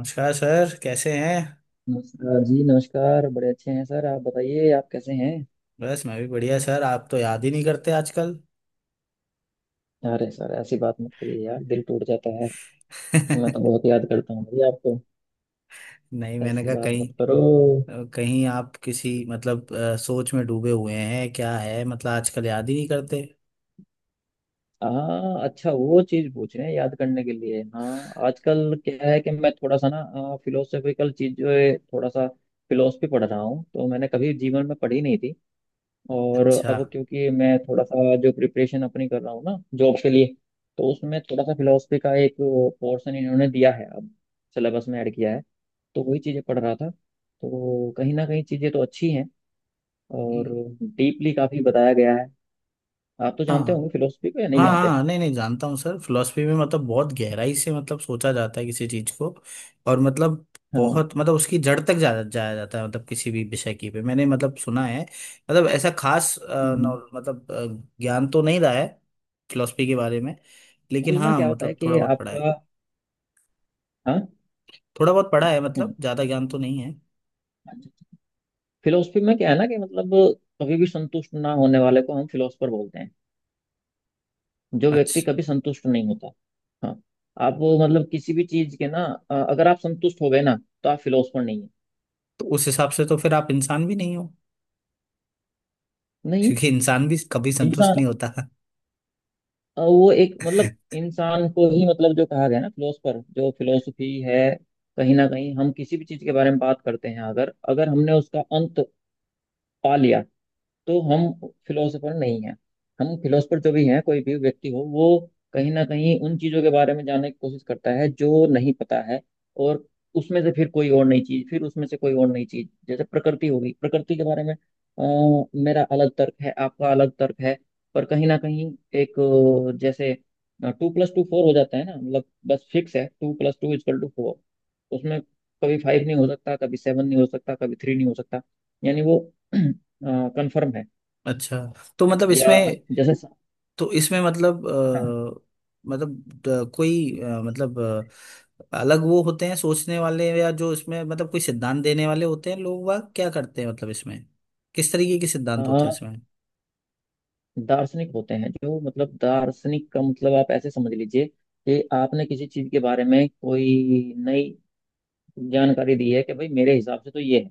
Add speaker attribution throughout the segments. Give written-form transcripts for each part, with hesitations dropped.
Speaker 1: नमस्कार सर, कैसे हैं।
Speaker 2: नमस्कार जी, नमस्कार। बड़े अच्छे हैं सर। आप बताइए, आप कैसे हैं?
Speaker 1: बस, मैं भी बढ़िया। सर आप तो याद ही नहीं करते आजकल।
Speaker 2: अरे सर, ऐसी बात मत करिए यार, दिल टूट जाता है। मैं तो
Speaker 1: नहीं,
Speaker 2: बहुत याद करता हूँ भाई आपको।
Speaker 1: मैंने
Speaker 2: ऐसी
Speaker 1: कहा
Speaker 2: बात
Speaker 1: कहीं
Speaker 2: मत करो।
Speaker 1: कहीं आप किसी, मतलब, सोच में डूबे हुए हैं, क्या है मतलब, आजकल याद ही नहीं करते।
Speaker 2: हाँ, अच्छा, वो चीज़ पूछ रहे हैं याद करने के लिए। हाँ, आजकल क्या है कि मैं थोड़ा सा ना फिलोसॉफिकल चीज़ जो है, थोड़ा सा फिलोसफी पढ़ रहा हूँ। तो मैंने कभी जीवन में पढ़ी नहीं थी। और
Speaker 1: अच्छा।
Speaker 2: अब क्योंकि मैं थोड़ा सा जो प्रिपरेशन अपनी कर रहा हूँ ना जॉब के लिए, तो उसमें थोड़ा सा फिलोसफी का एक पोर्शन इन्होंने दिया है, अब सिलेबस में ऐड किया है। तो वही चीज़ें पढ़ रहा था, तो कहीं ना कहीं चीज़ें तो अच्छी हैं, और
Speaker 1: हम्म,
Speaker 2: डीपली काफ़ी बताया गया है। आप तो
Speaker 1: हाँ।
Speaker 2: जानते होंगे फिलोसफी को, या नहीं
Speaker 1: हाँ
Speaker 2: जानते?
Speaker 1: हाँ, नहीं नहीं, जानता हूँ सर। फिलोसफी में मतलब बहुत गहराई से मतलब सोचा जाता है किसी चीज को। और मतलब
Speaker 2: हाँ।
Speaker 1: बहुत मतलब उसकी जड़ तक जाया जाता है, मतलब किसी भी विषय की पे। मैंने मतलब सुना है, मतलब ऐसा खास
Speaker 2: हम्म।
Speaker 1: ज्ञान तो नहीं रहा है फिलोसफी के बारे में। लेकिन
Speaker 2: असल में
Speaker 1: हाँ,
Speaker 2: क्या होता है
Speaker 1: मतलब
Speaker 2: कि
Speaker 1: थोड़ा बहुत पढ़ा है।
Speaker 2: आपका, हाँ,
Speaker 1: थोड़ा बहुत पढ़ा है, मतलब ज्यादा ज्ञान तो नहीं है।
Speaker 2: फिलोसफी में क्या है ना कि मतलब, कभी भी संतुष्ट ना होने वाले को हम फिलोसफर बोलते हैं। जो व्यक्ति
Speaker 1: अच्छा।
Speaker 2: कभी संतुष्ट नहीं होता, हाँ, आप वो मतलब किसी भी चीज के ना, अगर आप संतुष्ट हो गए ना, तो आप फिलोसफर नहीं है।
Speaker 1: तो उस हिसाब से तो फिर आप इंसान भी नहीं हो,
Speaker 2: नहीं।
Speaker 1: क्योंकि इंसान भी कभी संतुष्ट
Speaker 2: इंसान,
Speaker 1: नहीं होता।
Speaker 2: वो एक, मतलब इंसान को ही, मतलब जो कहा गया ना फिलोसफर, जो फिलोसफी है, कहीं ना कहीं हम किसी भी चीज के बारे में बात करते हैं। अगर अगर हमने उसका अंत पा लिया, तो हम फिलोसोफर नहीं है। हम फिलोसोफर जो भी हैं कोई भी व्यक्ति हो, वो कहीं ना कहीं उन चीजों के बारे में जानने की कोशिश करता है जो नहीं पता है। और उसमें से फिर कोई और नई चीज, फिर उसमें से कोई और नई चीज, जैसे प्रकृति होगी, प्रकृति के बारे में मेरा अलग तर्क है, आपका अलग तर्क है। पर कहीं ना कहीं एक, जैसे टू प्लस टू फोर हो जाता है ना, मतलब बस फिक्स है, two plus two is equal two four. उसमें कभी फाइव नहीं हो सकता, कभी सेवन नहीं हो सकता, कभी थ्री नहीं हो सकता। यानी वो कंफर्म है।
Speaker 1: अच्छा। तो मतलब
Speaker 2: या
Speaker 1: इसमें,
Speaker 2: जैसे,
Speaker 1: तो इसमें
Speaker 2: हाँ,
Speaker 1: मतलब अ, कोई अ, मतलब अ, अलग वो होते हैं सोचने वाले, या जो इसमें मतलब कोई सिद्धांत देने वाले होते हैं, लोग वाग क्या करते हैं मतलब इसमें। किस तरीके के
Speaker 2: अ,
Speaker 1: सिद्धांत होते हैं इसमें।
Speaker 2: दार्शनिक होते हैं जो, मतलब दार्शनिक का मतलब आप ऐसे समझ लीजिए कि आपने किसी चीज के बारे में कोई नई जानकारी दी है कि भाई मेरे हिसाब से तो ये है।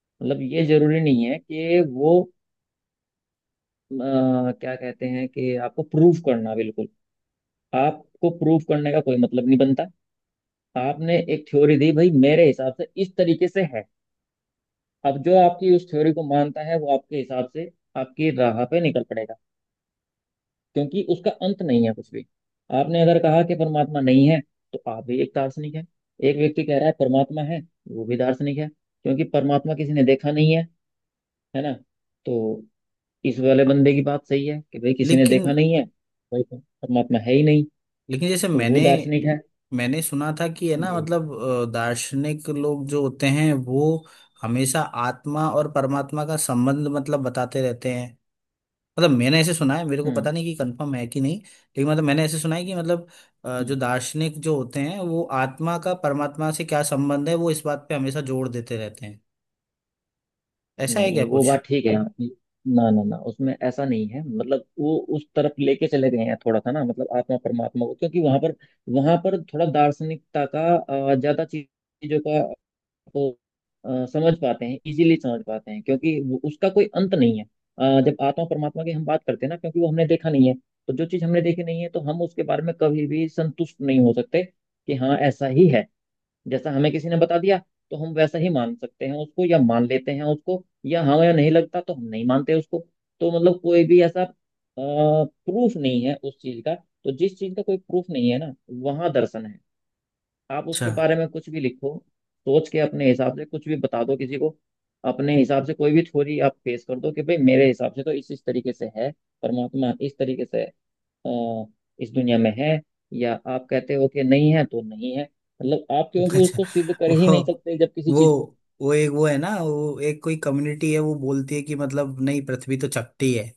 Speaker 2: मतलब ये जरूरी नहीं है कि वो क्या कहते हैं, कि आपको प्रूफ करना, बिल्कुल आपको प्रूफ करने का कोई मतलब नहीं बनता। आपने एक थ्योरी दी, भाई मेरे हिसाब से इस तरीके से है। अब जो आपकी उस थ्योरी को मानता है वो आपके हिसाब से, आपकी राह पे निकल पड़ेगा। क्योंकि उसका अंत नहीं है कुछ भी। आपने अगर कहा कि परमात्मा नहीं है, तो आप भी एक दार्शनिक है। एक व्यक्ति कह रहा है परमात्मा है, वो भी दार्शनिक है, क्योंकि परमात्मा किसी ने देखा नहीं है, है ना। तो इस वाले बंदे की बात सही है कि भाई किसी ने
Speaker 1: लेकिन
Speaker 2: देखा नहीं है, भाई परमात्मा है ही नहीं,
Speaker 1: लेकिन जैसे
Speaker 2: तो
Speaker 1: मैंने
Speaker 2: वो दार्शनिक है।
Speaker 1: मैंने सुना था कि, है ना
Speaker 2: जी।
Speaker 1: मतलब, दार्शनिक लोग जो होते हैं वो हमेशा आत्मा और परमात्मा का संबंध मतलब बताते रहते हैं। मतलब मैंने ऐसे सुना है, मेरे को
Speaker 2: हम्म,
Speaker 1: पता नहीं कि कंफर्म है कि नहीं, लेकिन मतलब मैंने ऐसे सुना है कि मतलब जो
Speaker 2: हम्म।
Speaker 1: दार्शनिक जो होते हैं वो आत्मा का परमात्मा से क्या संबंध है, वो इस बात पे हमेशा जोड़ देते रहते हैं। ऐसा है क्या
Speaker 2: नहीं, वो
Speaker 1: कुछ।
Speaker 2: बात ठीक है। ना ना ना उसमें ऐसा नहीं है, मतलब वो उस तरफ लेके चले गए हैं थोड़ा सा ना, मतलब आत्मा परमात्मा को, क्योंकि वहां पर थोड़ा दार्शनिकता का, ज्यादा चीजों का वो समझ पाते हैं, इजीली समझ पाते हैं, क्योंकि उसका कोई अंत नहीं है। जब आत्मा परमात्मा की हम बात करते हैं ना, क्योंकि वो हमने देखा नहीं है, तो जो चीज हमने देखी नहीं है, तो हम उसके बारे में कभी भी संतुष्ट नहीं हो सकते कि हाँ ऐसा ही है, जैसा हमें किसी ने बता दिया, तो हम वैसा ही मान सकते हैं उसको, या मान लेते हैं उसको, या हमें नहीं लगता तो हम नहीं मानते उसको। तो मतलब कोई भी ऐसा प्रूफ नहीं है उस चीज का, तो जिस चीज का कोई प्रूफ नहीं है ना, वहां दर्शन है। आप
Speaker 1: अच्छा।
Speaker 2: उसके बारे में कुछ भी लिखो, सोच के अपने हिसाब से कुछ भी बता दो किसी को, अपने हिसाब से कोई भी थ्योरी आप पेश कर दो कि भाई मेरे हिसाब से तो इस तरीके से है। परमात्मा इस तरीके से, अ, इस दुनिया में है, या आप कहते हो कि नहीं है तो नहीं है, मतलब आप क्योंकि
Speaker 1: अच्छा।
Speaker 2: उसको सिद्ध कर ही
Speaker 1: वो
Speaker 2: नहीं सकते जब किसी
Speaker 1: वो
Speaker 2: चीज को।
Speaker 1: वो एक, वो है ना, वो एक कोई कम्युनिटी है, वो बोलती है कि मतलब नहीं, पृथ्वी तो चपटी है।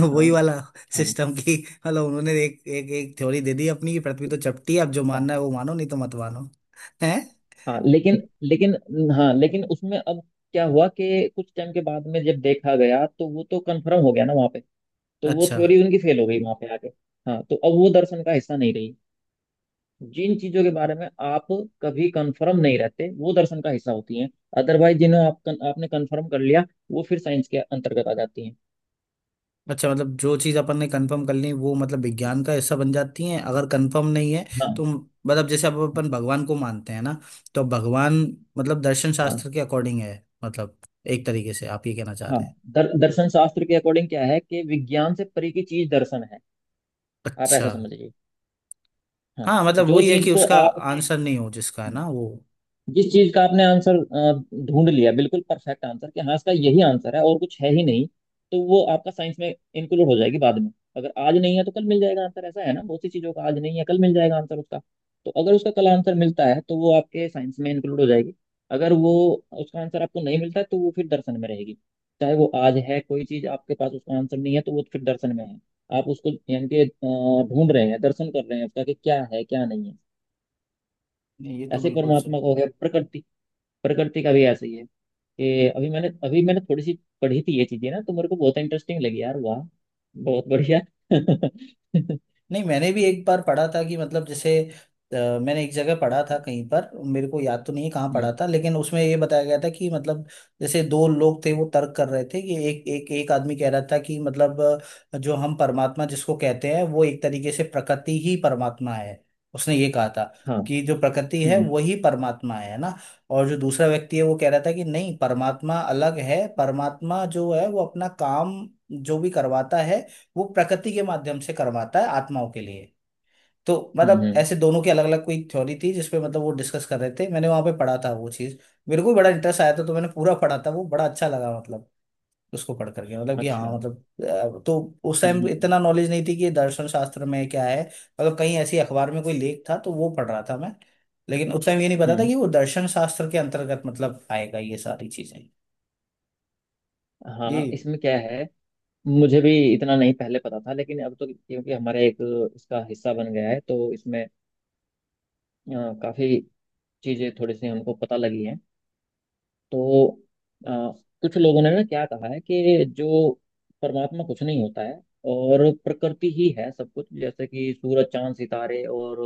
Speaker 1: वही
Speaker 2: हाँ,
Speaker 1: वाला
Speaker 2: हाँ,
Speaker 1: सिस्टम की। मतलब उन्होंने एक एक एक थ्योरी दे दी अपनी कि पृथ्वी तो चपटी है, अब जो
Speaker 2: हाँ,
Speaker 1: मानना है वो मानो, नहीं तो मत मानो, है।
Speaker 2: हाँ, लेकिन लेकिन हाँ, लेकिन उसमें अब क्या हुआ कि कुछ टाइम के बाद में जब देखा गया तो वो तो कंफर्म हो गया ना वहाँ पे। तो वो
Speaker 1: अच्छा।
Speaker 2: थ्योरी उनकी फेल हो गई वहाँ पे आके। हाँ, तो अब वो दर्शन का हिस्सा नहीं रही। जिन चीजों के बारे में आप कभी कंफर्म नहीं रहते, वो दर्शन का हिस्सा होती हैं। अदरवाइज जिन्हें आप आपने कंफर्म कर लिया, वो फिर साइंस के अंतर्गत आ जाती हैं।
Speaker 1: अच्छा मतलब जो चीज अपन ने कंफर्म कर ली वो मतलब विज्ञान का हिस्सा बन जाती है, अगर कंफर्म नहीं है तो।
Speaker 2: हाँ,
Speaker 1: मतलब जैसे अब
Speaker 2: हाँ,
Speaker 1: अपन भगवान को मानते हैं ना, तो भगवान मतलब दर्शन शास्त्र के अकॉर्डिंग है, मतलब एक तरीके से आप ये कहना चाह
Speaker 2: हाँ,
Speaker 1: रहे हैं।
Speaker 2: दर्शन शास्त्र के अकॉर्डिंग क्या है कि विज्ञान से परे की चीज दर्शन है। आप
Speaker 1: अच्छा।
Speaker 2: ऐसा समझिए। हाँ,
Speaker 1: हाँ मतलब
Speaker 2: जो
Speaker 1: वही है
Speaker 2: चीज
Speaker 1: कि
Speaker 2: को
Speaker 1: उसका
Speaker 2: आपने,
Speaker 1: आंसर नहीं हो जिसका, है ना, वो।
Speaker 2: जिस चीज का आपने आंसर ढूंढ लिया, बिल्कुल परफेक्ट आंसर, कि हाँ इसका यही आंसर है और कुछ है ही नहीं, तो वो आपका साइंस में इंक्लूड हो जाएगी बाद में। अगर आज नहीं है तो कल मिल जाएगा आंसर। ऐसा है ना, बहुत सी चीजों का आज नहीं है, कल मिल जाएगा आंसर उसका। तो अगर उसका कल आंसर मिलता है तो वो आपके साइंस में इंक्लूड हो जाएगी। अगर वो उसका आंसर आपको नहीं मिलता है, तो वो फिर दर्शन में रहेगी। चाहे वो आज है कोई चीज आपके पास उसका आंसर नहीं है, तो वो फिर दर्शन में है। आप उसको यानी कि ढूंढ रहे हैं, दर्शन कर रहे हैं उसका कि क्या है क्या नहीं है।
Speaker 1: नहीं ये तो
Speaker 2: ऐसे
Speaker 1: बिल्कुल सही।
Speaker 2: परमात्मा को है, प्रकृति, प्रकृति का भी ऐसा ही है। कि अभी मैंने थोड़ी सी पढ़ी थी ये चीजें ना, तो मेरे को बहुत इंटरेस्टिंग लगी, यार वाह, बहुत बढ़िया। हम्म।
Speaker 1: नहीं मैंने भी एक बार पढ़ा था कि, मतलब जैसे अ, मैंने एक जगह पढ़ा था, कहीं पर मेरे को याद तो नहीं है कहाँ पढ़ा था, लेकिन उसमें ये बताया गया था कि मतलब, जैसे दो लोग थे, वो तर्क कर रहे थे, कि एक एक एक आदमी कह रहा था कि मतलब जो हम परमात्मा जिसको कहते हैं, वो एक तरीके से प्रकृति ही परमात्मा है। उसने ये कहा था
Speaker 2: हाँ,
Speaker 1: कि जो प्रकृति है
Speaker 2: हम्म,
Speaker 1: वही परमात्मा है ना। और जो दूसरा व्यक्ति है वो कह रहा था कि नहीं, परमात्मा अलग है, परमात्मा जो है वो अपना काम जो भी करवाता है, वो प्रकृति के माध्यम से करवाता है आत्माओं के लिए। तो
Speaker 2: हम्म,
Speaker 1: मतलब ऐसे दोनों की अलग अलग कोई थ्योरी थी जिसपे मतलब वो डिस्कस कर रहे थे। मैंने वहां पे पढ़ा था वो चीज। मेरे को भी बड़ा इंटरेस्ट आया था, तो मैंने पूरा पढ़ा था। वो बड़ा अच्छा लगा, मतलब उसको पढ़ करके, मतलब कि हाँ
Speaker 2: अच्छा,
Speaker 1: मतलब। तो उस
Speaker 2: हम्म,
Speaker 1: टाइम
Speaker 2: हम्म,
Speaker 1: इतना नॉलेज नहीं थी कि दर्शन शास्त्र में क्या है। मतलब कहीं ऐसी अखबार में कोई लेख था तो वो पढ़ रहा था मैं। लेकिन उस टाइम ये नहीं पता था
Speaker 2: हम्म।
Speaker 1: कि वो दर्शन शास्त्र के अंतर्गत मतलब आएगा, ये सारी चीजें। ये
Speaker 2: हाँ, इसमें क्या है, मुझे भी इतना नहीं पहले पता था, लेकिन अब तो क्योंकि हमारा एक इसका हिस्सा बन गया है, तो इसमें काफी चीजें थोड़ी सी हमको पता लगी हैं। तो अ, कुछ लोगों ने ना क्या कहा है कि जो परमात्मा कुछ नहीं होता है, और प्रकृति ही है सब कुछ, जैसे कि सूरज, चांद, सितारे और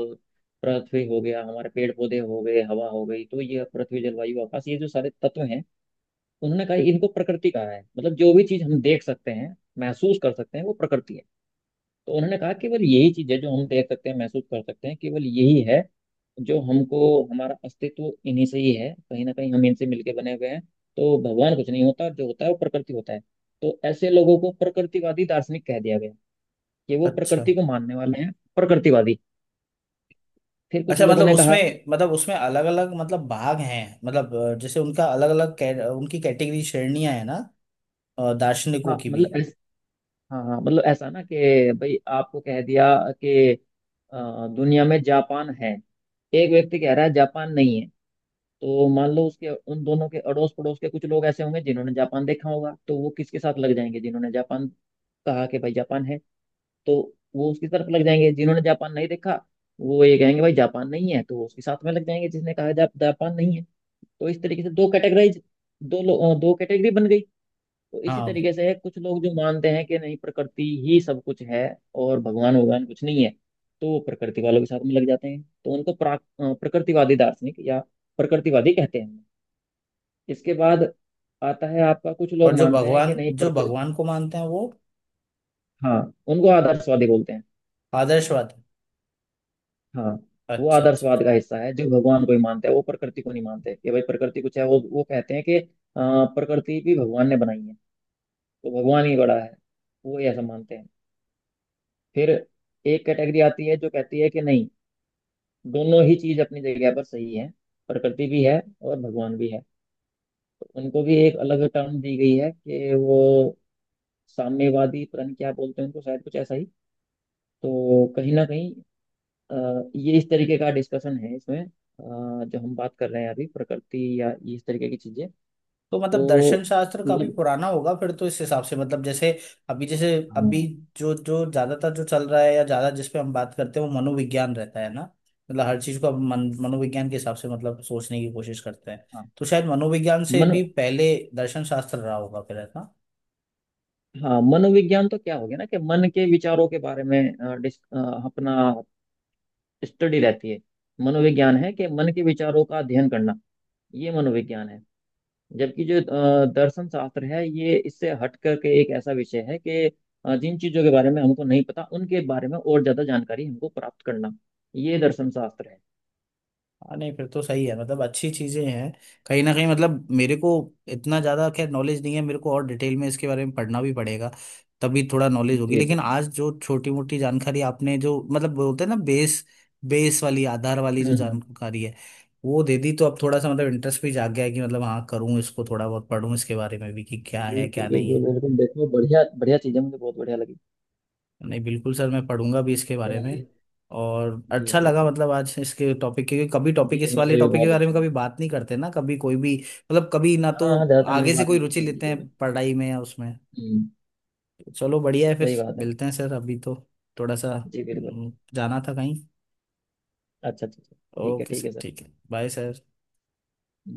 Speaker 2: पृथ्वी हो गया, हमारे पेड़ पौधे हो गए, हवा हो गई। तो ये पृथ्वी, जलवायु, आकाश, ये जो सारे तत्व हैं, उन्होंने कहा इनको प्रकृति कहा है। मतलब जो भी चीज हम देख सकते हैं, महसूस कर सकते हैं, वो प्रकृति है। तो उन्होंने कहा केवल यही चीज है जो हम देख सकते हैं, महसूस कर सकते हैं, केवल यही है जो हमको, हमारा अस्तित्व इन्हीं से ही है, कहीं ना कहीं हम इनसे मिलके बने हुए हैं। तो भगवान कुछ नहीं होता, जो होता है वो प्रकृति होता है। तो ऐसे लोगों को प्रकृतिवादी दार्शनिक कह दिया गया कि वो
Speaker 1: अच्छा।
Speaker 2: प्रकृति को मानने वाले हैं, प्रकृतिवादी। फिर कुछ
Speaker 1: अच्छा
Speaker 2: लोगों
Speaker 1: मतलब
Speaker 2: ने कहा,
Speaker 1: उसमें, मतलब उसमें अलग अलग मतलब भाग हैं, मतलब जैसे उनका अलग अलग, उनकी कैटेगरी श्रेणियां है ना, दार्शनिकों
Speaker 2: हाँ
Speaker 1: की भी।
Speaker 2: मतलब हाँ हाँ मतलब ऐसा ना कि भाई आपको कह दिया कि दुनिया में जापान है, एक व्यक्ति कह रहा है जापान नहीं है। तो मान लो उसके उन दोनों के अड़ोस पड़ोस के कुछ लोग ऐसे होंगे जिन्होंने जापान देखा होगा, तो वो किसके साथ लग जाएंगे? जिन्होंने जापान कहा कि भाई जापान है, तो वो उसकी तरफ लग जाएंगे। जिन्होंने जापान नहीं देखा, वो ये कहेंगे भाई जापान नहीं है, तो वो उसके साथ में लग जाएंगे जिसने कहा जापान नहीं है। तो इस तरीके से दो कैटेगराइज, दो कैटेगरी बन गई। तो इसी
Speaker 1: हाँ,
Speaker 2: तरीके से है, कुछ लोग जो मानते हैं कि नहीं प्रकृति ही सब कुछ है, और भगवान भगवान कुछ नहीं है, तो वो प्रकृति वालों के साथ में लग जाते हैं। तो उनको प्रकृतिवादी दार्शनिक या प्रकृतिवादी कहते हैं। इसके बाद आता है आपका, कुछ
Speaker 1: और
Speaker 2: लोग
Speaker 1: जो
Speaker 2: मानते हैं कि
Speaker 1: भगवान,
Speaker 2: नहीं
Speaker 1: जो
Speaker 2: प्रकृति,
Speaker 1: भगवान को मानते हैं वो
Speaker 2: हाँ, उनको आदर्शवादी बोलते हैं।
Speaker 1: आदर्शवाद है।
Speaker 2: हाँ। वो
Speaker 1: अच्छा अच्छा।
Speaker 2: आदर्शवाद का हिस्सा है जो भगवान को ही मानते हैं, वो प्रकृति को नहीं मानते कि भाई प्रकृति कुछ है। वो कहते हैं कि प्रकृति भी भगवान ने बनाई है, तो भगवान ही बड़ा है, वो ऐसा मानते हैं। फिर एक कैटेगरी आती है जो कहती है कि नहीं, दोनों ही चीज अपनी जगह पर सही है, प्रकृति भी है और भगवान भी है। तो उनको भी एक अलग टर्म दी गई है, कि वो साम्यवादी, पता नहीं क्या बोलते हैं उनको, शायद कुछ ऐसा ही। तो कहीं ना कहीं अ, ये इस तरीके का डिस्कशन है, इसमें जो हम बात कर रहे हैं अभी, प्रकृति या ये इस तरीके की चीजें।
Speaker 1: तो मतलब दर्शन
Speaker 2: तो
Speaker 1: शास्त्र काफी
Speaker 2: मतलब,
Speaker 1: पुराना होगा फिर तो, इस हिसाब से मतलब जैसे अभी, जैसे अभी
Speaker 2: हाँ
Speaker 1: जो जो ज्यादातर जो चल रहा है, या ज्यादा जिस पे हम बात करते हैं वो मनोविज्ञान रहता है ना। मतलब हर चीज को अब मन, मनोविज्ञान के हिसाब से मतलब सोचने की कोशिश करते हैं।
Speaker 2: हाँ
Speaker 1: तो शायद मनोविज्ञान से
Speaker 2: मन
Speaker 1: भी पहले दर्शन शास्त्र रहा होगा फिर, है ना।
Speaker 2: हाँ, मनोविज्ञान तो क्या हो गया ना कि मन के विचारों के बारे में, अपना स्टडी रहती है। मनोविज्ञान है कि मन के विचारों का अध्ययन करना, ये मनोविज्ञान है। जबकि जो दर्शन शास्त्र है, ये इससे हट करके एक ऐसा विषय है कि जिन चीजों के बारे में हमको नहीं पता, उनके बारे में और ज्यादा जानकारी हमको प्राप्त करना, ये दर्शन शास्त्र है।
Speaker 1: हाँ नहीं फिर तो सही है मतलब, अच्छी चीजें हैं। कहीं ना कहीं मतलब मेरे को इतना ज्यादा खैर नॉलेज नहीं है, मेरे को और डिटेल में इसके बारे में पढ़ना भी पड़ेगा, तभी थोड़ा नॉलेज होगी।
Speaker 2: जी, जी,
Speaker 1: लेकिन
Speaker 2: जी।
Speaker 1: आज जो छोटी मोटी जानकारी आपने जो मतलब, बोलते हैं ना, बेस, वाली आधार वाली
Speaker 2: हम्म,
Speaker 1: जो
Speaker 2: हम्म।
Speaker 1: जानकारी है वो दे दी, तो अब थोड़ा सा मतलब इंटरेस्ट भी जाग गया है कि मतलब हाँ, करूँ इसको, थोड़ा बहुत पढ़ूँ इसके बारे में भी, कि क्या है
Speaker 2: बिल्कुल,
Speaker 1: क्या नहीं
Speaker 2: बिल्कुल,
Speaker 1: है।
Speaker 2: बिल्कुल, देखो, बढ़िया बढ़िया चीज है, मुझे बहुत बढ़िया लगी।
Speaker 1: नहीं बिल्कुल सर, मैं पढ़ूंगा भी इसके बारे में।
Speaker 2: चलिए।
Speaker 1: और
Speaker 2: जी,
Speaker 1: अच्छा
Speaker 2: जी,
Speaker 1: लगा
Speaker 2: जी।
Speaker 1: मतलब आज इसके टॉपिक, क्योंकि कभी टॉपिक,
Speaker 2: जी,
Speaker 1: इस
Speaker 2: मुझे
Speaker 1: वाले
Speaker 2: भी
Speaker 1: टॉपिक के
Speaker 2: बहुत
Speaker 1: बारे
Speaker 2: अच्छा
Speaker 1: में
Speaker 2: लगा।
Speaker 1: कभी बात नहीं करते ना, कभी कोई भी मतलब कभी ना तो
Speaker 2: हाँ, हाँ, ज्यादातर लोग
Speaker 1: आगे से
Speaker 2: बात
Speaker 1: कोई
Speaker 2: नहीं
Speaker 1: रुचि
Speaker 2: करते हैं इन
Speaker 1: लेते
Speaker 2: चीजों पे।
Speaker 1: हैं पढ़ाई में या उसमें।
Speaker 2: हम्म।
Speaker 1: चलो बढ़िया है फिर।
Speaker 2: सही बात है।
Speaker 1: मिलते हैं सर, अभी तो थोड़ा सा
Speaker 2: जी बिल्कुल।
Speaker 1: जाना था कहीं।
Speaker 2: अच्छा, अच्छा, अच्छा। ठीक है,
Speaker 1: ओके
Speaker 2: ठीक
Speaker 1: सर,
Speaker 2: है सर।
Speaker 1: ठीक है, बाय सर।